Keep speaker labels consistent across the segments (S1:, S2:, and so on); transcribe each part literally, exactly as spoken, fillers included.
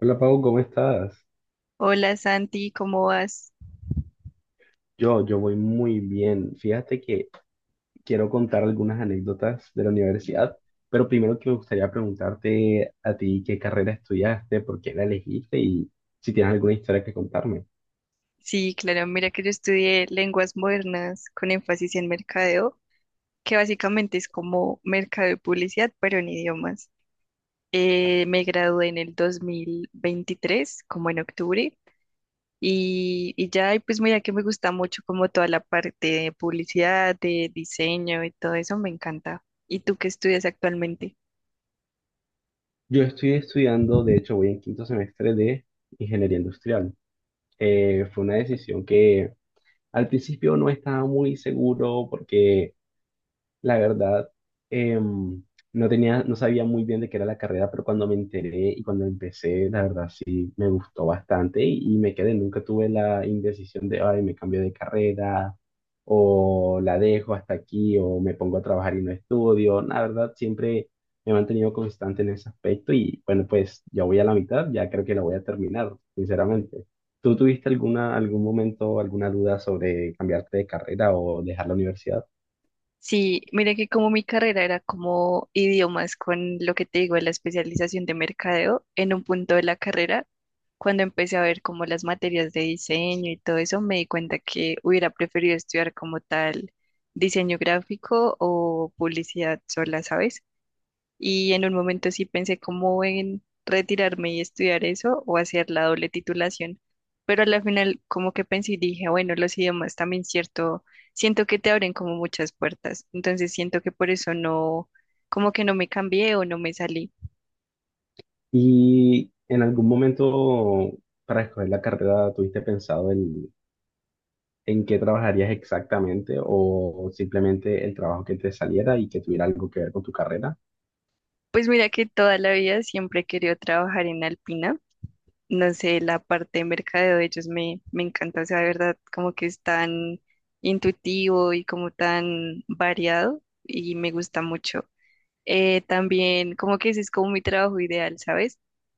S1: Hola Pau, ¿cómo estás?
S2: Hola Santi, ¿cómo vas?
S1: Yo, yo voy muy bien. Fíjate que quiero contar algunas anécdotas de la universidad, pero primero que me gustaría preguntarte a ti qué carrera estudiaste, por qué la elegiste y si tienes alguna historia que contarme.
S2: Sí, claro, mira que yo estudié lenguas modernas con énfasis en mercadeo, que básicamente es como mercado y publicidad, pero en idiomas. Eh, me gradué en el dos mil veintitrés, como en octubre, y, y ya, y pues mira que me gusta mucho como toda la parte de publicidad, de diseño y todo eso, me encanta. ¿Y tú qué estudias actualmente?
S1: Yo estoy estudiando, de hecho voy en quinto semestre de ingeniería industrial. Eh, fue una decisión que al principio no estaba muy seguro porque la verdad, em, no tenía, no sabía muy bien de qué era la carrera, pero cuando me enteré y cuando empecé, la verdad sí me gustó bastante y, y me quedé. Nunca tuve la indecisión de, ay, me cambio de carrera o la dejo hasta aquí o me pongo a trabajar y no estudio. La verdad, siempre me he mantenido constante en ese aspecto y bueno, pues ya voy a la mitad, ya creo que la voy a terminar, sinceramente. ¿Tú tuviste alguna, algún momento, alguna duda sobre cambiarte de carrera o dejar la universidad?
S2: Sí, mira que como mi carrera era como idiomas con lo que te digo, la especialización de mercadeo, en un punto de la carrera, cuando empecé a ver como las materias de diseño y todo eso, me di cuenta que hubiera preferido estudiar como tal diseño gráfico o publicidad sola, ¿sabes? Y en un momento sí pensé como en retirarme y estudiar eso o hacer la doble titulación. Pero a la final como que pensé y dije, bueno, los idiomas también cierto, siento que te abren como muchas puertas. Entonces siento que por eso no, como que no me cambié o no me salí.
S1: ¿Y en algún momento para escoger la carrera tuviste pensado en, en qué trabajarías exactamente o simplemente el trabajo que te saliera y que tuviera algo que ver con tu carrera?
S2: Pues mira que toda la vida siempre he querido trabajar en Alpina. No sé, la parte de mercadeo de ellos me, me encanta. O sea, de verdad, como que es tan intuitivo y como tan variado y me gusta mucho. Eh, también como que ese es como mi trabajo ideal, ¿sabes?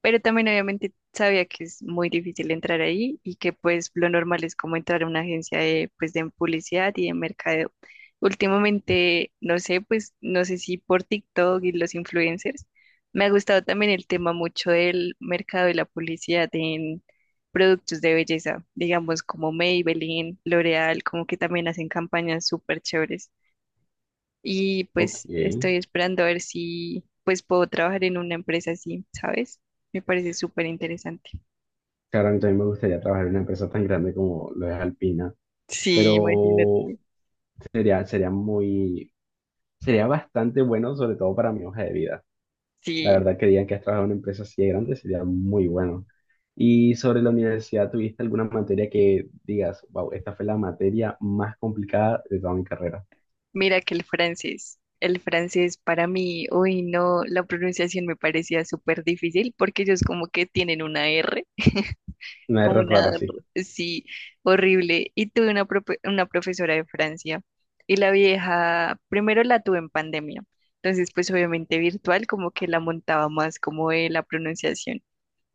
S2: Pero también obviamente sabía que es muy difícil entrar ahí y que pues lo normal es como entrar a una agencia de, pues, de publicidad y de mercadeo. Últimamente, no sé, pues no sé si por TikTok y los influencers, me ha gustado también el tema mucho del mercado y la publicidad en productos de belleza, digamos como Maybelline, L'Oreal, como que también hacen campañas súper chéveres y
S1: Ok,
S2: pues estoy esperando a ver si pues puedo trabajar en una empresa así, ¿sabes? Me parece súper interesante.
S1: claro, a mí también me gustaría trabajar en una empresa tan grande como lo es Alpina,
S2: Sí,
S1: pero
S2: imagínate.
S1: sería, sería muy, sería bastante bueno sobre todo para mi hoja de vida. La
S2: Sí,
S1: verdad que digan que has trabajado en una empresa así de grande sería muy bueno. Y sobre la universidad, ¿tuviste alguna materia que digas, wow, esta fue la materia más complicada de toda mi carrera?
S2: mira que el francés, el francés para mí, uy, no, la pronunciación me parecía súper difícil porque ellos como que tienen una R
S1: Una
S2: como
S1: R
S2: una,
S1: rara, sí.
S2: sí, horrible. Y tuve una, profe- una profesora de Francia y la vieja, primero la tuve en pandemia, entonces pues obviamente virtual como que la montaba más como de la pronunciación.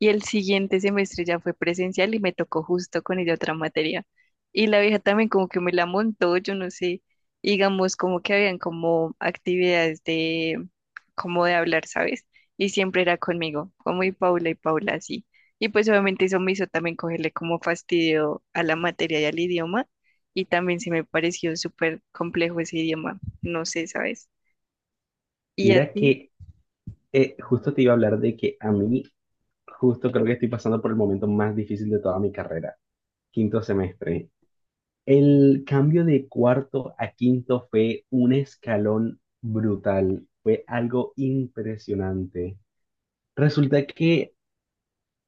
S2: Y el siguiente semestre ya fue presencial y me tocó justo con ella otra materia. Y la vieja también como que me la montó, yo no sé, digamos como que habían como actividades de, como de hablar, ¿sabes? Y siempre era conmigo, como y Paula y Paula así. Y pues obviamente eso me hizo también cogerle como fastidio a la materia y al idioma. Y también se me pareció súper complejo ese idioma, no sé, ¿sabes? ¿Y a
S1: Mira
S2: ti?
S1: que eh, justo te iba a hablar de que a mí, justo creo que estoy pasando por el momento más difícil de toda mi carrera, quinto semestre. El cambio de cuarto a quinto fue un escalón brutal, fue algo impresionante. Resulta que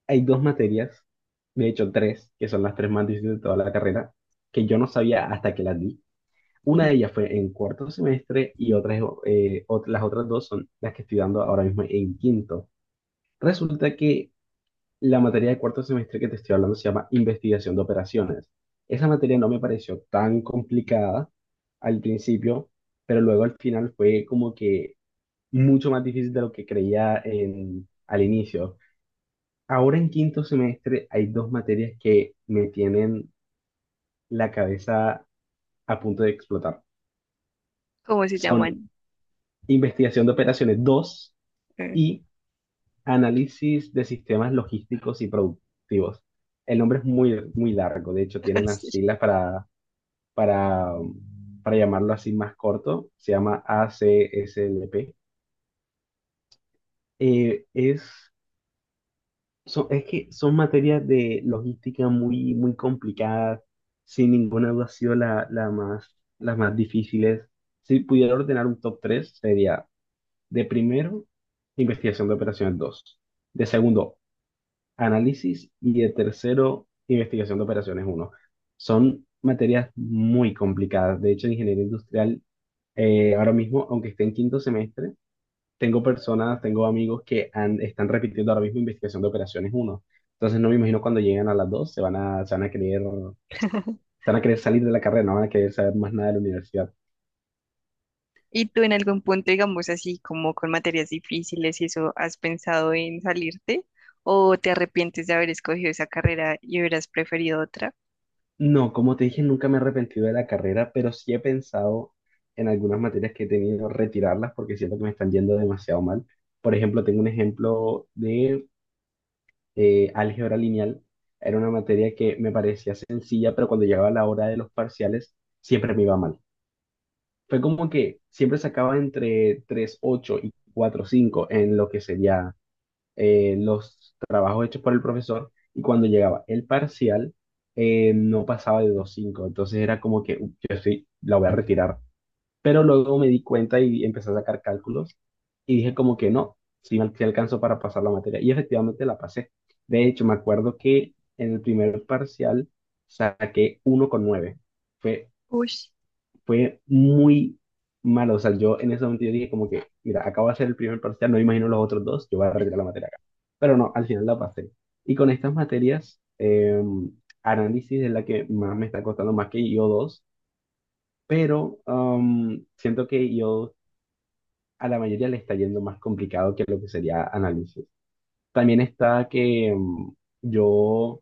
S1: hay dos materias, de hecho tres, que son las tres más difíciles de toda la carrera, que yo no sabía hasta que las di. Una de ellas fue en cuarto semestre y otras, eh, ot- las otras dos son las que estoy dando ahora mismo en quinto. Resulta que la materia de cuarto semestre que te estoy hablando se llama investigación de operaciones. Esa materia no me pareció tan complicada al principio, pero luego al final fue como que mucho más difícil de lo que creía en, al inicio. Ahora en quinto semestre hay dos materias que me tienen la cabeza a punto de explotar.
S2: ¿Cómo se
S1: Son
S2: llaman?
S1: investigación de operaciones dos
S2: Eh,
S1: y análisis de sistemas logísticos y productivos. El nombre es muy, muy largo, de hecho tiene unas
S2: sí.
S1: siglas para, para, para llamarlo así más corto, se llama A C S L P. Eh, es Son, es que son materias de logística muy, muy complicadas, sin ninguna duda ha sido la, la más, las más difíciles. Si pudiera ordenar un top tres sería de primero, investigación de operaciones dos, de segundo, análisis, y de tercero, investigación de operaciones uno. Son materias muy complicadas. De hecho, en ingeniería industrial, eh, ahora mismo, aunque esté en quinto semestre, tengo personas, tengo amigos que han- están repitiendo ahora mismo investigación de operaciones uno. Entonces no me imagino cuando lleguen a las dos se van a, se van a querer, se van a querer salir de la carrera, no van a querer saber más nada de la universidad.
S2: ¿Y tú en algún punto, digamos así, como con materias difíciles y eso, has pensado en salirte o te arrepientes de haber escogido esa carrera y hubieras preferido otra?
S1: No, como te dije, nunca me he arrepentido de la carrera, pero sí he pensado en algunas materias que he tenido retirarlas porque siento que me están yendo demasiado mal. Por ejemplo, tengo un ejemplo de eh, álgebra lineal. Era una materia que me parecía sencilla, pero cuando llegaba la hora de los parciales siempre me iba mal. Fue como que siempre sacaba entre tres punto ocho y cuatro punto cinco en lo que sería eh, los trabajos hechos por el profesor, y cuando llegaba el parcial eh, no pasaba de dos punto cinco, entonces era como que "Uy, yo sí, la voy a retirar". Pero luego me di cuenta y empecé a sacar cálculos y dije como que no, sí, me sí alcanzó para pasar la materia y efectivamente la pasé. De hecho, me acuerdo que en el primer parcial saqué uno punto nueve. Fue
S2: Uy,
S1: fue muy malo. O sea, yo en ese momento yo dije como que, mira, acabo de hacer el primer parcial, no me imagino los otros dos, yo voy a retirar la materia acá. Pero no, al final la pasé. Y con estas materias, eh, análisis es la que más me está costando, más que I O dos, pero um, siento que I IO a la mayoría le está yendo más complicado que lo que sería análisis. También está que um, yo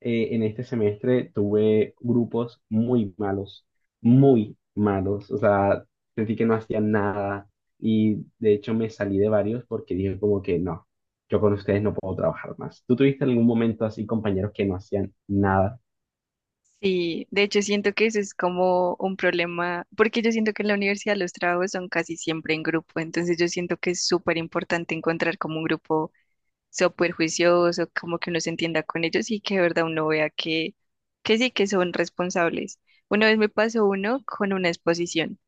S1: eh, en este semestre tuve grupos muy malos, muy malos, o sea, sentí que no hacían nada y de hecho me salí de varios porque dije como que no, yo con ustedes no puedo trabajar más. ¿Tú tuviste algún momento así compañeros que no hacían nada?
S2: sí, de hecho siento que eso es como un problema, porque yo siento que en la universidad los trabajos son casi siempre en grupo, entonces yo siento que es súper importante encontrar como un grupo súper juicioso, como que uno se entienda con ellos y que de verdad uno vea que, que sí, que son responsables. Una vez me pasó uno con una exposición.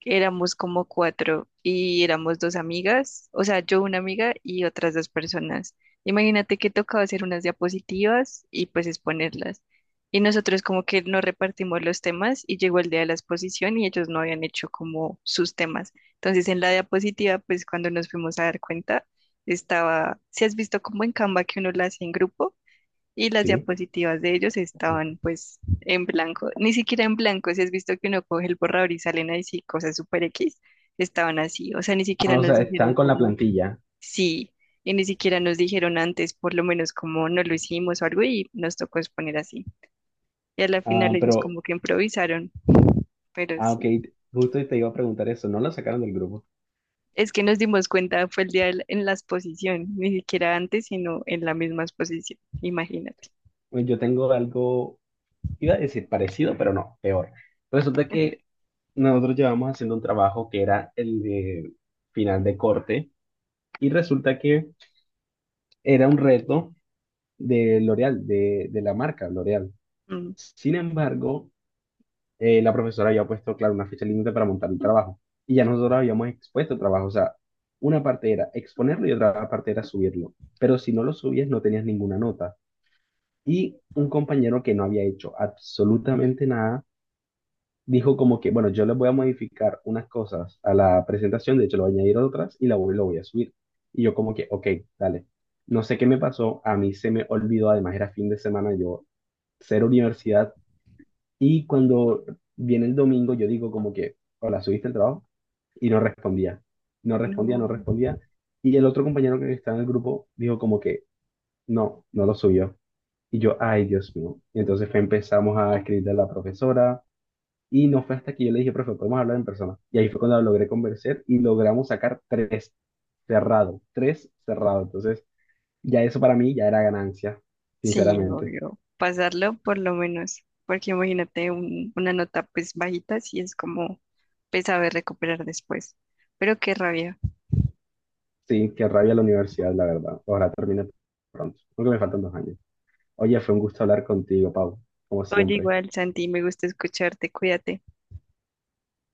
S2: Éramos como cuatro y éramos dos amigas, o sea, yo una amiga y otras dos personas. Imagínate que tocaba hacer unas diapositivas y pues exponerlas. Y nosotros como que nos repartimos los temas y llegó el día de la exposición y ellos no habían hecho como sus temas. Entonces en la diapositiva, pues cuando nos fuimos a dar cuenta, estaba, ¿si has visto como en Canva que uno la hace en grupo? Y las
S1: ¿Sí?
S2: diapositivas de ellos estaban pues en blanco, ni siquiera en blanco, si has visto que uno coge el borrador y salen ahí sí cosas super X, estaban así, o sea, ni
S1: Ah,
S2: siquiera
S1: o
S2: nos
S1: sea, estaban
S2: dijeron
S1: con la
S2: como
S1: plantilla,
S2: sí, y ni siquiera nos dijeron antes, por lo menos como no lo hicimos o algo y nos tocó exponer así. Y a la final
S1: ah,
S2: ellos
S1: pero,
S2: como que improvisaron, pero
S1: ah, ok,
S2: sí.
S1: justo te iba a preguntar eso, ¿no lo sacaron del grupo?
S2: Es que nos dimos cuenta, fue el día del- en la exposición, ni siquiera antes, sino en la misma exposición, imagínate.
S1: Pues yo tengo algo, iba a decir parecido, pero no, peor. Resulta que nosotros llevamos haciendo un trabajo que era el de final de corte y resulta que era un reto de L'Oreal, de, de la marca L'Oreal.
S2: Mm,
S1: Sin embargo, eh, la profesora había puesto, claro, una fecha límite para montar el trabajo y ya nosotros habíamos expuesto el trabajo. O sea, una parte era exponerlo y otra parte era subirlo. Pero si no lo subías, no tenías ninguna nota. Y un compañero que no había hecho absolutamente nada dijo como que, bueno, yo les voy a modificar unas cosas a la presentación, de hecho, lo voy a añadir otras y la voy, lo voy a subir. Y yo como que, ok, dale. No sé qué me pasó, a mí se me olvidó, además era fin de semana, yo cero universidad. Y cuando viene el domingo, yo digo como que, hola, ¿subiste el trabajo? Y no respondía, no respondía,
S2: no.
S1: no respondía. Y el otro compañero que está en el grupo dijo como que, no, no lo subió. Y yo, ay, Dios mío. Y entonces fue- empezamos a escribirle a la profesora, y no fue hasta que yo le dije, profe, podemos hablar en persona. Y ahí fue cuando logré convencer y logramos sacar tres cerrado, tres cerrado. Entonces, ya eso para mí ya era ganancia,
S2: Sí,
S1: sinceramente.
S2: obvio. Pasarlo por lo menos, porque imagínate un- una nota pues bajita, sí es como pues saber recuperar después. Pero qué rabia.
S1: Sí, qué rabia la universidad, la verdad. Ahora termina pronto, aunque me faltan dos años. Oye, fue un gusto hablar contigo, Pau, como
S2: Oye,
S1: siempre.
S2: igual, Santi, me gusta escucharte, cuídate.